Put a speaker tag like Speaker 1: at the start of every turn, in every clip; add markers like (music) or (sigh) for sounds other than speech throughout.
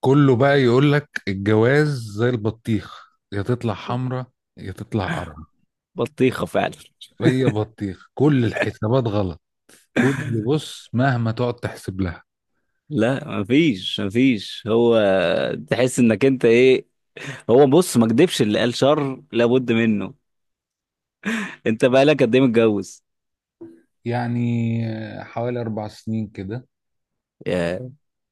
Speaker 1: كله بقى يقول لك الجواز زي البطيخ، يا تطلع حمرا يا تطلع قرعة.
Speaker 2: بطيخة فعلا.
Speaker 1: هي بطيخ، كل الحسابات غلط. كل بص مهما تقعد تحسب لها.
Speaker 2: لا، مفيش هو، تحس انك انت ايه. هو بص، ما كدبش اللي قال شر لابد منه. انت بقالك قد ايه متجوز؟
Speaker 1: يعني حوالي 4 سنين كده.
Speaker 2: يا.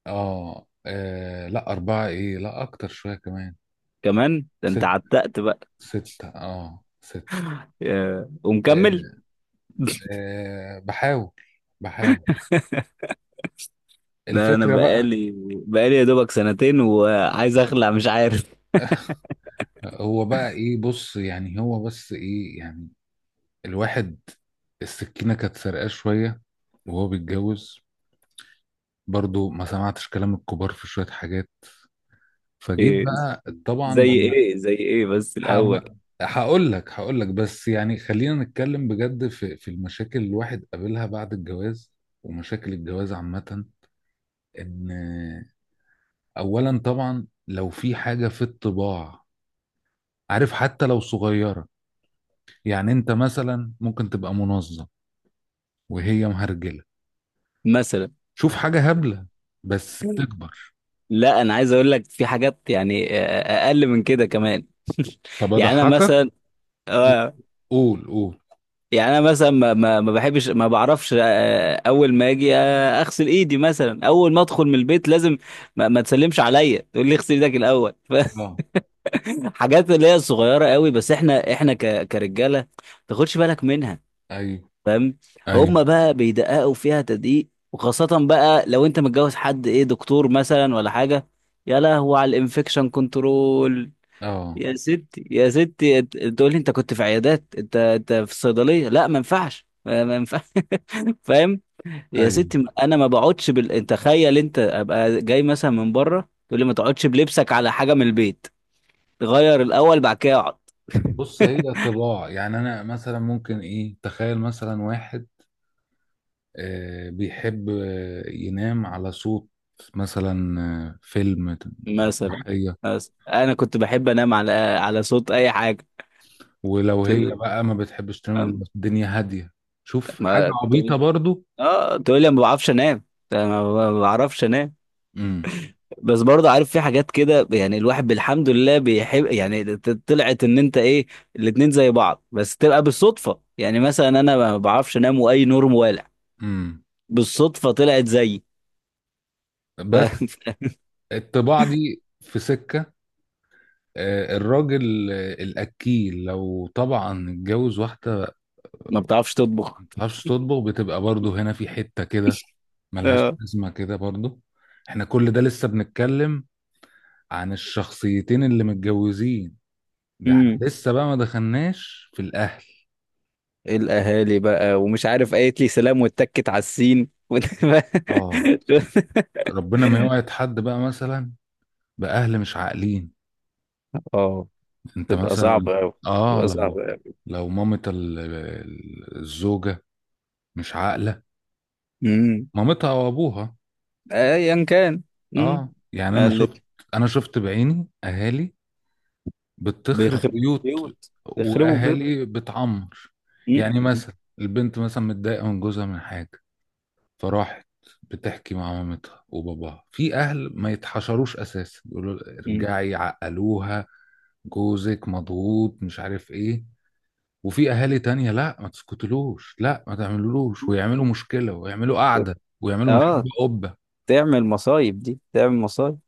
Speaker 1: لا، 4، إيه، لا أكتر شوية كمان.
Speaker 2: كمان؟ ده انت
Speaker 1: 6،
Speaker 2: عتقت بقى.
Speaker 1: 6، ستة.
Speaker 2: يا؟
Speaker 1: آه.
Speaker 2: ومكمل؟
Speaker 1: بحاول، بحاول.
Speaker 2: ده انا
Speaker 1: الفكرة بقى.
Speaker 2: بقالي يا دوبك سنتين وعايز اخلع، مش عارف. (laughs)
Speaker 1: هو بس إيه يعني، الواحد. السكينة كانت سرقاه شوية وهو بيتجوز، برضو ما سمعتش كلام الكبار في شوية حاجات، فجيت
Speaker 2: إيه؟
Speaker 1: بقى طبعا
Speaker 2: زي
Speaker 1: لما...
Speaker 2: ايه؟ زي ايه بس الاول؟
Speaker 1: هقول لك، بس يعني خلينا نتكلم بجد في المشاكل اللي الواحد قابلها بعد الجواز، ومشاكل الجواز عامة. ان اولا طبعا لو في حاجة في الطباع، عارف، حتى لو صغيرة، يعني انت مثلا ممكن تبقى منظم وهي مهرجلة،
Speaker 2: مثلا.
Speaker 1: شوف حاجة هبلة، بس بتكبر.
Speaker 2: لا، انا عايز اقول لك في حاجات، يعني اقل من كده كمان. (laughs)
Speaker 1: طب
Speaker 2: يعني انا
Speaker 1: اضحكك.
Speaker 2: مثلا. آه،
Speaker 1: قول، قول.
Speaker 2: يعني انا مثلا، ما بحبش ما بعرفش، اول ما اجي، اغسل ايدي مثلا، اول ما ادخل من البيت لازم. ما تسلمش عليا، تقول لي اغسل ايدك الاول. (laughs)
Speaker 1: اه،
Speaker 2: حاجات اللي هي صغيره قوي، بس احنا احنا ك كرجاله ما تاخدش بالك منها.
Speaker 1: ايوه،
Speaker 2: فاهم؟
Speaker 1: ايوه،
Speaker 2: هم بقى بيدققوا فيها تدقيق، وخاصه بقى لو انت متجوز حد ايه، دكتور مثلا ولا حاجه. يا لهو على الانفكشن كنترول.
Speaker 1: اه،
Speaker 2: يا ستي، يا ستي تقول لي انت كنت في عيادات، انت في الصيدليه. لا، ما ينفعش، ما ينفعش. (laughs) فاهم؟ يا
Speaker 1: ايوه.
Speaker 2: ستي انا ما بقعدش بال، انت تخيل انت ابقى جاي مثلا من بره، تقول لي ما تقعدش بلبسك على حاجه من البيت، غير الاول بعد كده اقعد. (laughs)
Speaker 1: بص، هي طباع، يعني انا مثلا ممكن ايه، تخيل مثلا واحد بيحب ينام على صوت، مثلا فيلم،
Speaker 2: مثلا.
Speaker 1: مسرحية.
Speaker 2: بس انا كنت بحب انام على صوت اي حاجه.
Speaker 1: ولو هي
Speaker 2: ت-
Speaker 1: بقى ما بتحبش تنام إلا
Speaker 2: ما
Speaker 1: الدنيا هادية، شوف حاجة عبيطة
Speaker 2: تقول.
Speaker 1: برضو.
Speaker 2: اه، تقول لي أنا ما بعرفش انام. أنا ما بعرفش انام.
Speaker 1: امم.
Speaker 2: بس برضه عارف في حاجات كده، يعني الواحد بالحمد لله بيحب، يعني طلعت ان انت ايه. الاتنين زي بعض بس تبقى بالصدفة، يعني مثلا انا ما بعرفش انام واي نور موالع.
Speaker 1: امم.
Speaker 2: بالصدفة طلعت زيي.
Speaker 1: بس
Speaker 2: ف- (laughs)
Speaker 1: الطباع دي في سكة. الراجل، الأكيل لو طبعا اتجوز واحدة
Speaker 2: ما بتعرفش
Speaker 1: ما
Speaker 2: تطبخ.
Speaker 1: بتعرفش تطبخ، بتبقى برضو هنا في حتة كده، ملهاش
Speaker 2: اه.
Speaker 1: لازمة كده برضو. احنا كل ده لسه بنتكلم عن الشخصيتين اللي متجوزين، ده احنا
Speaker 2: امم.
Speaker 1: لسه بقى ما دخلناش في الأهل.
Speaker 2: الاهالي بقى ومش عارف، قالت لي سلام واتكت على السين. (laughs)
Speaker 1: اه، ربنا ما يوعد حد بقى مثلا بأهل مش عاقلين.
Speaker 2: اه،
Speaker 1: انت
Speaker 2: تبقى
Speaker 1: مثلا،
Speaker 2: صعبة قوي.
Speaker 1: اه،
Speaker 2: تبقى
Speaker 1: لو
Speaker 2: صعبة قوي.
Speaker 1: لو مامة الزوجة مش عاقلة،
Speaker 2: امم.
Speaker 1: مامتها او ابوها.
Speaker 2: ايا كان. امم.
Speaker 1: اه، يعني انا شفت،
Speaker 2: قالت.
Speaker 1: انا شفت بعيني اهالي بتخرب
Speaker 2: بيخربوا
Speaker 1: بيوت
Speaker 2: بيوت. بيخربوا بيوت.
Speaker 1: واهالي بتعمر.
Speaker 2: مم.
Speaker 1: يعني
Speaker 2: مم.
Speaker 1: مثلا البنت مثلا متضايقه من جوزها من حاجه، فراحت بتحكي مع مامتها وباباها، في اهل ما يتحشروش اساسا يقولوا
Speaker 2: مم.
Speaker 1: ارجعي، عقلوها، جوزك مضغوط مش عارف ايه. وفي اهالي تانية، لا ما تسكتلوش، لا ما تعملولوش، ويعملوا مشكله ويعملوا قعده ويعملوا من الحرب
Speaker 2: اه،
Speaker 1: قبه.
Speaker 2: تعمل مصايب، دي تعمل مصايب.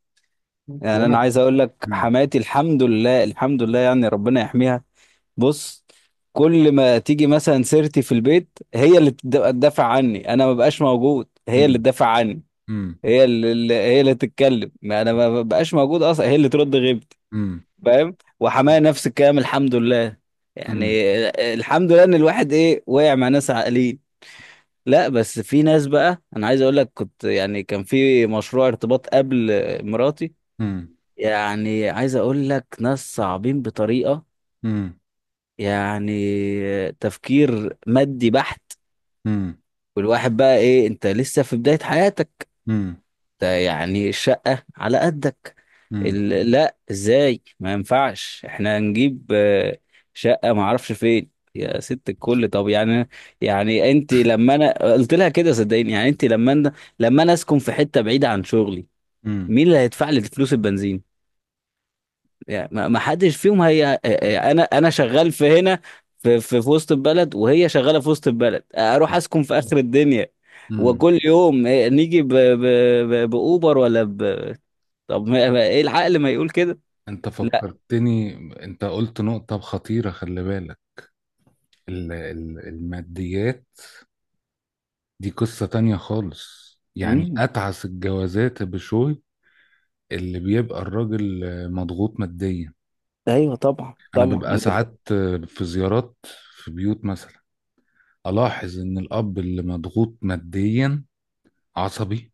Speaker 2: يعني انا
Speaker 1: وانا.
Speaker 2: عايز اقول لك
Speaker 1: مم.
Speaker 2: حماتي، الحمد لله، الحمد لله، يعني ربنا يحميها. بص، كل ما تيجي مثلا سيرتي في البيت، هي اللي تدافع عني، انا ما بقاش موجود، هي اللي
Speaker 1: مم.
Speaker 2: تدافع عني.
Speaker 1: مم.
Speaker 2: هي اللي تتكلم، ما انا ما بقاش موجود اصلا، هي اللي ترد غيبتي.
Speaker 1: مم.
Speaker 2: فاهم؟ وحماية نفس الكلام، الحمد لله. يعني
Speaker 1: مم.
Speaker 2: الحمد لله ان الواحد ايه، وقع مع ناس عاقلين. لا، بس في ناس بقى، انا عايز اقول لك كنت، يعني كان في مشروع ارتباط قبل مراتي.
Speaker 1: مم.
Speaker 2: يعني عايز اقول لك ناس صعبين بطريقة، يعني تفكير مادي بحت.
Speaker 1: مم.
Speaker 2: والواحد بقى ايه، انت لسه في بداية حياتك.
Speaker 1: مم.
Speaker 2: ده يعني الشقة على قدك.
Speaker 1: مم.
Speaker 2: لا، ازاي؟ ما ينفعش، احنا هنجيب شقة ما اعرفش فين يا ست الكل. طب يعني، يعني انت لما انا قلت لها كده صدقيني، يعني انت لما انا اسكن في حتة بعيدة عن شغلي.
Speaker 1: امم.
Speaker 2: مين اللي هيدفع لي فلوس البنزين؟ يعني ما حدش فيهم، هي انا شغال في هنا، في وسط البلد، وهي شغالة في وسط البلد، اروح اسكن في اخر الدنيا؟
Speaker 1: امم.
Speaker 2: وكل يوم نيجي باوبر ولا طب ما... ما... ايه العقل ما يقول كده.
Speaker 1: انت
Speaker 2: لا.
Speaker 1: فكرتني، انت قلت نقطة خطيرة، خلي بالك. الماديات دي قصة تانية خالص، يعني
Speaker 2: مم.
Speaker 1: اتعس الجوازات بشوي اللي بيبقى الراجل مضغوط ماديا.
Speaker 2: ايوه، طبعا،
Speaker 1: انا
Speaker 2: طبعا.
Speaker 1: ببقى ساعات في زيارات، في بيوت مثلا الاحظ ان الاب اللي مضغوط ماديا عصبي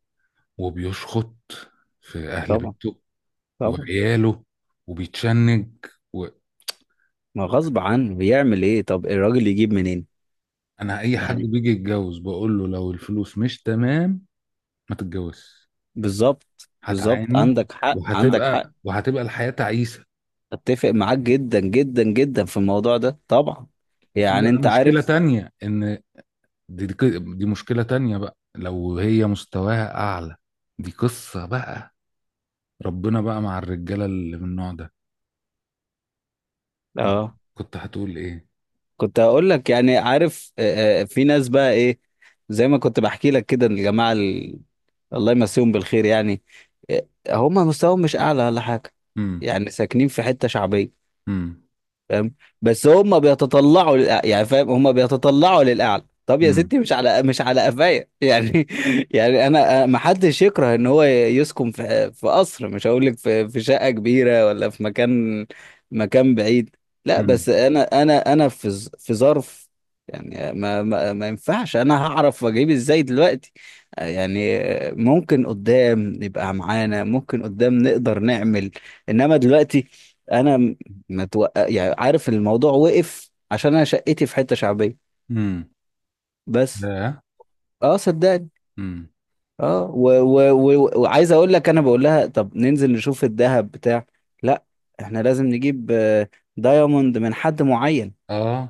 Speaker 1: وبيشخط في اهل
Speaker 2: طبعا،
Speaker 1: بيته
Speaker 2: طبعا.
Speaker 1: وعياله وبيتشنج.
Speaker 2: ما غصب عنه، بيعمل ايه؟ طب الراجل يجيب منين؟
Speaker 1: انا، اي حد
Speaker 2: يعني
Speaker 1: بيجي يتجوز بقول له، لو الفلوس مش تمام ما تتجوزش،
Speaker 2: بالظبط، بالظبط،
Speaker 1: هتعاني،
Speaker 2: عندك حق، عندك حق.
Speaker 1: وهتبقى الحياة تعيسة.
Speaker 2: اتفق معاك جدا جدا جدا في الموضوع ده طبعا.
Speaker 1: وفي
Speaker 2: يعني
Speaker 1: بقى
Speaker 2: انت
Speaker 1: مشكلة
Speaker 2: عارف.
Speaker 1: تانية، ان دي مشكلة تانية بقى لو هي مستواها اعلى، دي قصة بقى، ربنا بقى مع الرجالة اللي من النوع ده. انت
Speaker 2: اه،
Speaker 1: كنت هتقول ايه؟
Speaker 2: كنت هقول لك، يعني عارف، في ناس بقى ايه. زي ما كنت بحكي لك كده، الجماعه الله يمسيهم بالخير يعني. هم مستواهم مش اعلى ولا حاجه،
Speaker 1: امم.
Speaker 2: يعني ساكنين في حته شعبيه.
Speaker 1: امم.
Speaker 2: فاهم؟ بس هم بيتطلعوا يعني فاهم؟ هم بيتطلعوا للاعلى، طب يا
Speaker 1: امم.
Speaker 2: ستي مش على، مش على قفايا. يعني (laughs) يعني انا ما حدش يكره ان هو يسكن في في قصر، مش هقول لك في شقه كبيره ولا في مكان، مكان بعيد. لا،
Speaker 1: امم.
Speaker 2: بس انا في في ظرف. يعني ما ينفعش، انا هعرف اجيب ازاي دلوقتي؟ يعني ممكن قدام يبقى معانا، ممكن قدام نقدر نعمل. انما دلوقتي، انا ما توقع، يعني عارف، الموضوع وقف عشان انا شقتي في حته شعبيه.
Speaker 1: امم.
Speaker 2: بس،
Speaker 1: لا.
Speaker 2: اه صدقني.
Speaker 1: امم.
Speaker 2: اه، وعايز اقول لك، انا بقول لها طب ننزل نشوف الذهب بتاع. لا، احنا لازم نجيب دايموند من حد معين.
Speaker 1: اه.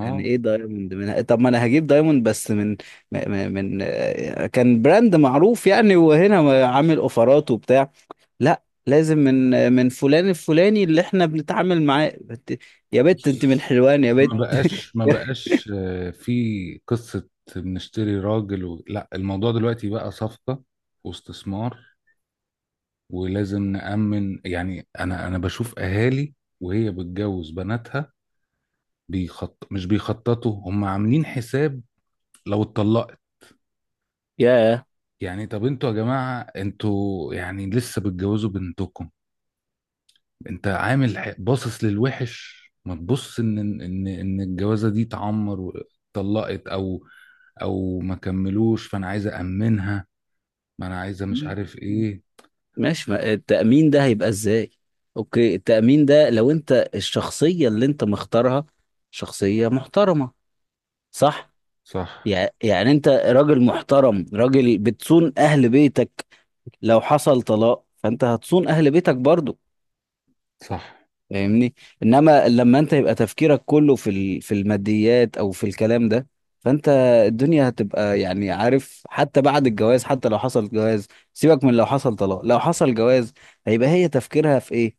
Speaker 2: يعني ايه دايموند من؟ طب ما انا هجيب دايموند بس من من كان براند معروف يعني، وهنا عامل اوفرات وبتاع. لا، لازم من من فلان الفلاني اللي احنا بنتعامل معاه يا بت انت من
Speaker 1: بص،
Speaker 2: حلوان يا بت.
Speaker 1: ما
Speaker 2: (laughs)
Speaker 1: بقاش، في قصة بنشتري راجل و... لا، الموضوع دلوقتي بقى صفقة، واستثمار، ولازم نأمن. يعني أنا بشوف أهالي وهي بتجوز بناتها، بيخط... مش بيخططوا، هم عاملين حساب لو اتطلقت.
Speaker 2: ياه.
Speaker 1: يعني طب انتوا يا جماعة، انتوا يعني لسه بتجوزوا بنتكم، انت عامل باصص للوحش، ما تبص ان الجوازه دي اتعمر واتطلقت، او او ما كملوش، فانا عايز امنها، ما انا عايزه مش عارف ايه.
Speaker 2: ماشي، ما التأمين ده هيبقى ازاي؟ اوكي، التأمين ده لو انت الشخصية اللي انت مختارها، شخصية محترمة. صح؟
Speaker 1: صح.
Speaker 2: يعني انت راجل محترم، راجل بتصون اهل بيتك. لو حصل طلاق، فانت هتصون اهل بيتك برضو.
Speaker 1: صح.
Speaker 2: فاهمني؟ انما لما انت يبقى تفكيرك كله في في الماديات او في الكلام ده، فانت الدنيا هتبقى، يعني عارف، حتى بعد الجواز، حتى لو حصل جواز، سيبك من لو حصل طلاق، لو حصل جواز، هيبقى هي تفكيرها في ايه؟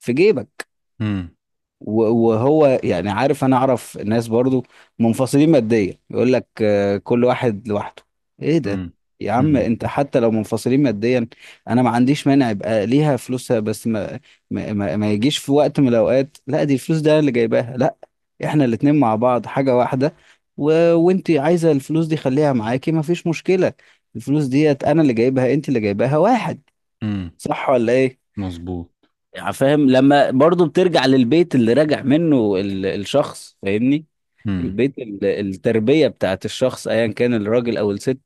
Speaker 2: في جيبك.
Speaker 1: امم.
Speaker 2: وهو يعني عارف، انا اعرف ناس برضو منفصلين ماديا، يقول لك كل واحد لوحده. ايه ده؟
Speaker 1: امم.
Speaker 2: يا عم
Speaker 1: امم.
Speaker 2: انت حتى لو منفصلين ماديا، انا ما عنديش مانع يبقى ليها فلوسها، بس ما يجيش في وقت من الاوقات، لا دي الفلوس ده أنا اللي جايباها، لا. احنا الاتنين مع بعض حاجة واحدة. وانت عايزة الفلوس دي خليها معاكي، ما فيش مشكلة. الفلوس ديت انا اللي جايبها، انت اللي جايباها، واحد.
Speaker 1: امم.
Speaker 2: صح ولا ايه؟
Speaker 1: مظبوط.
Speaker 2: يعني فاهم؟ لما برضو بترجع للبيت اللي راجع منه الشخص، فاهمني؟
Speaker 1: امم.
Speaker 2: البيت، التربية بتاعت الشخص، ايا كان الراجل او الست،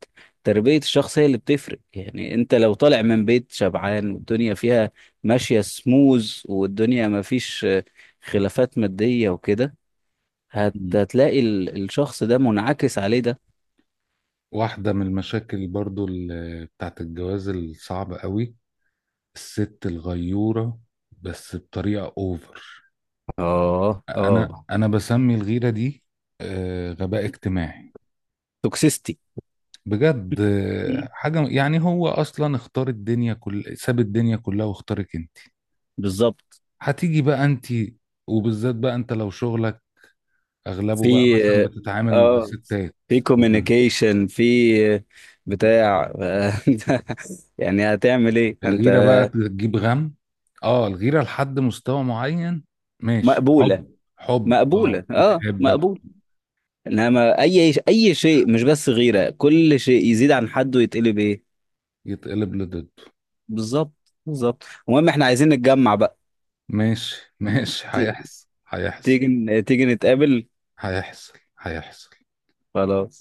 Speaker 2: تربية الشخص هي اللي بتفرق. يعني انت لو طالع من بيت شبعان، والدنيا فيها ماشية سموز، والدنيا ما فيش خلافات مادية وكده،
Speaker 1: امم.
Speaker 2: هتلاقي الشخص ده منعكس عليه ده.
Speaker 1: واحده من المشاكل برضو بتاعت الجواز الصعبه قوي، الست الغيوره بس بطريقه اوفر.
Speaker 2: اه، اه.
Speaker 1: انا بسمي الغيره دي غباء اجتماعي.
Speaker 2: توكسيستي.
Speaker 1: بجد حاجة يعني، هو أصلا اختار الدنيا كل، ساب الدنيا كلها واختارك أنت،
Speaker 2: بالظبط.
Speaker 1: هتيجي بقى أنت، وبالذات بقى أنت لو شغلك أغلبه بقى مثلا
Speaker 2: في
Speaker 1: بتتعامل مع
Speaker 2: اه
Speaker 1: الستات.
Speaker 2: في كوميونيكيشن، في بتاع. (laughs) يعني هتعمل ايه انت؟
Speaker 1: الغيرة بقى تجيب غم. اه الغيرة لحد مستوى معين ماشي،
Speaker 2: مقبولة.
Speaker 1: حب، حب، اه،
Speaker 2: مقبولة، اه،
Speaker 1: بتحبك.
Speaker 2: مقبول. انما اي شيء، مش بس غيرة، كل شيء يزيد عن حده يتقلب ايه.
Speaker 1: يتقلب لضده.
Speaker 2: بالظبط. بالظبط. المهم احنا عايزين نتجمع بقى.
Speaker 1: ماشي، ماشي،
Speaker 2: ت-
Speaker 1: هيحصل، هيحصل.
Speaker 2: تيجي تيجي نتقابل.
Speaker 1: هيحصل، هيحصل.
Speaker 2: خلاص.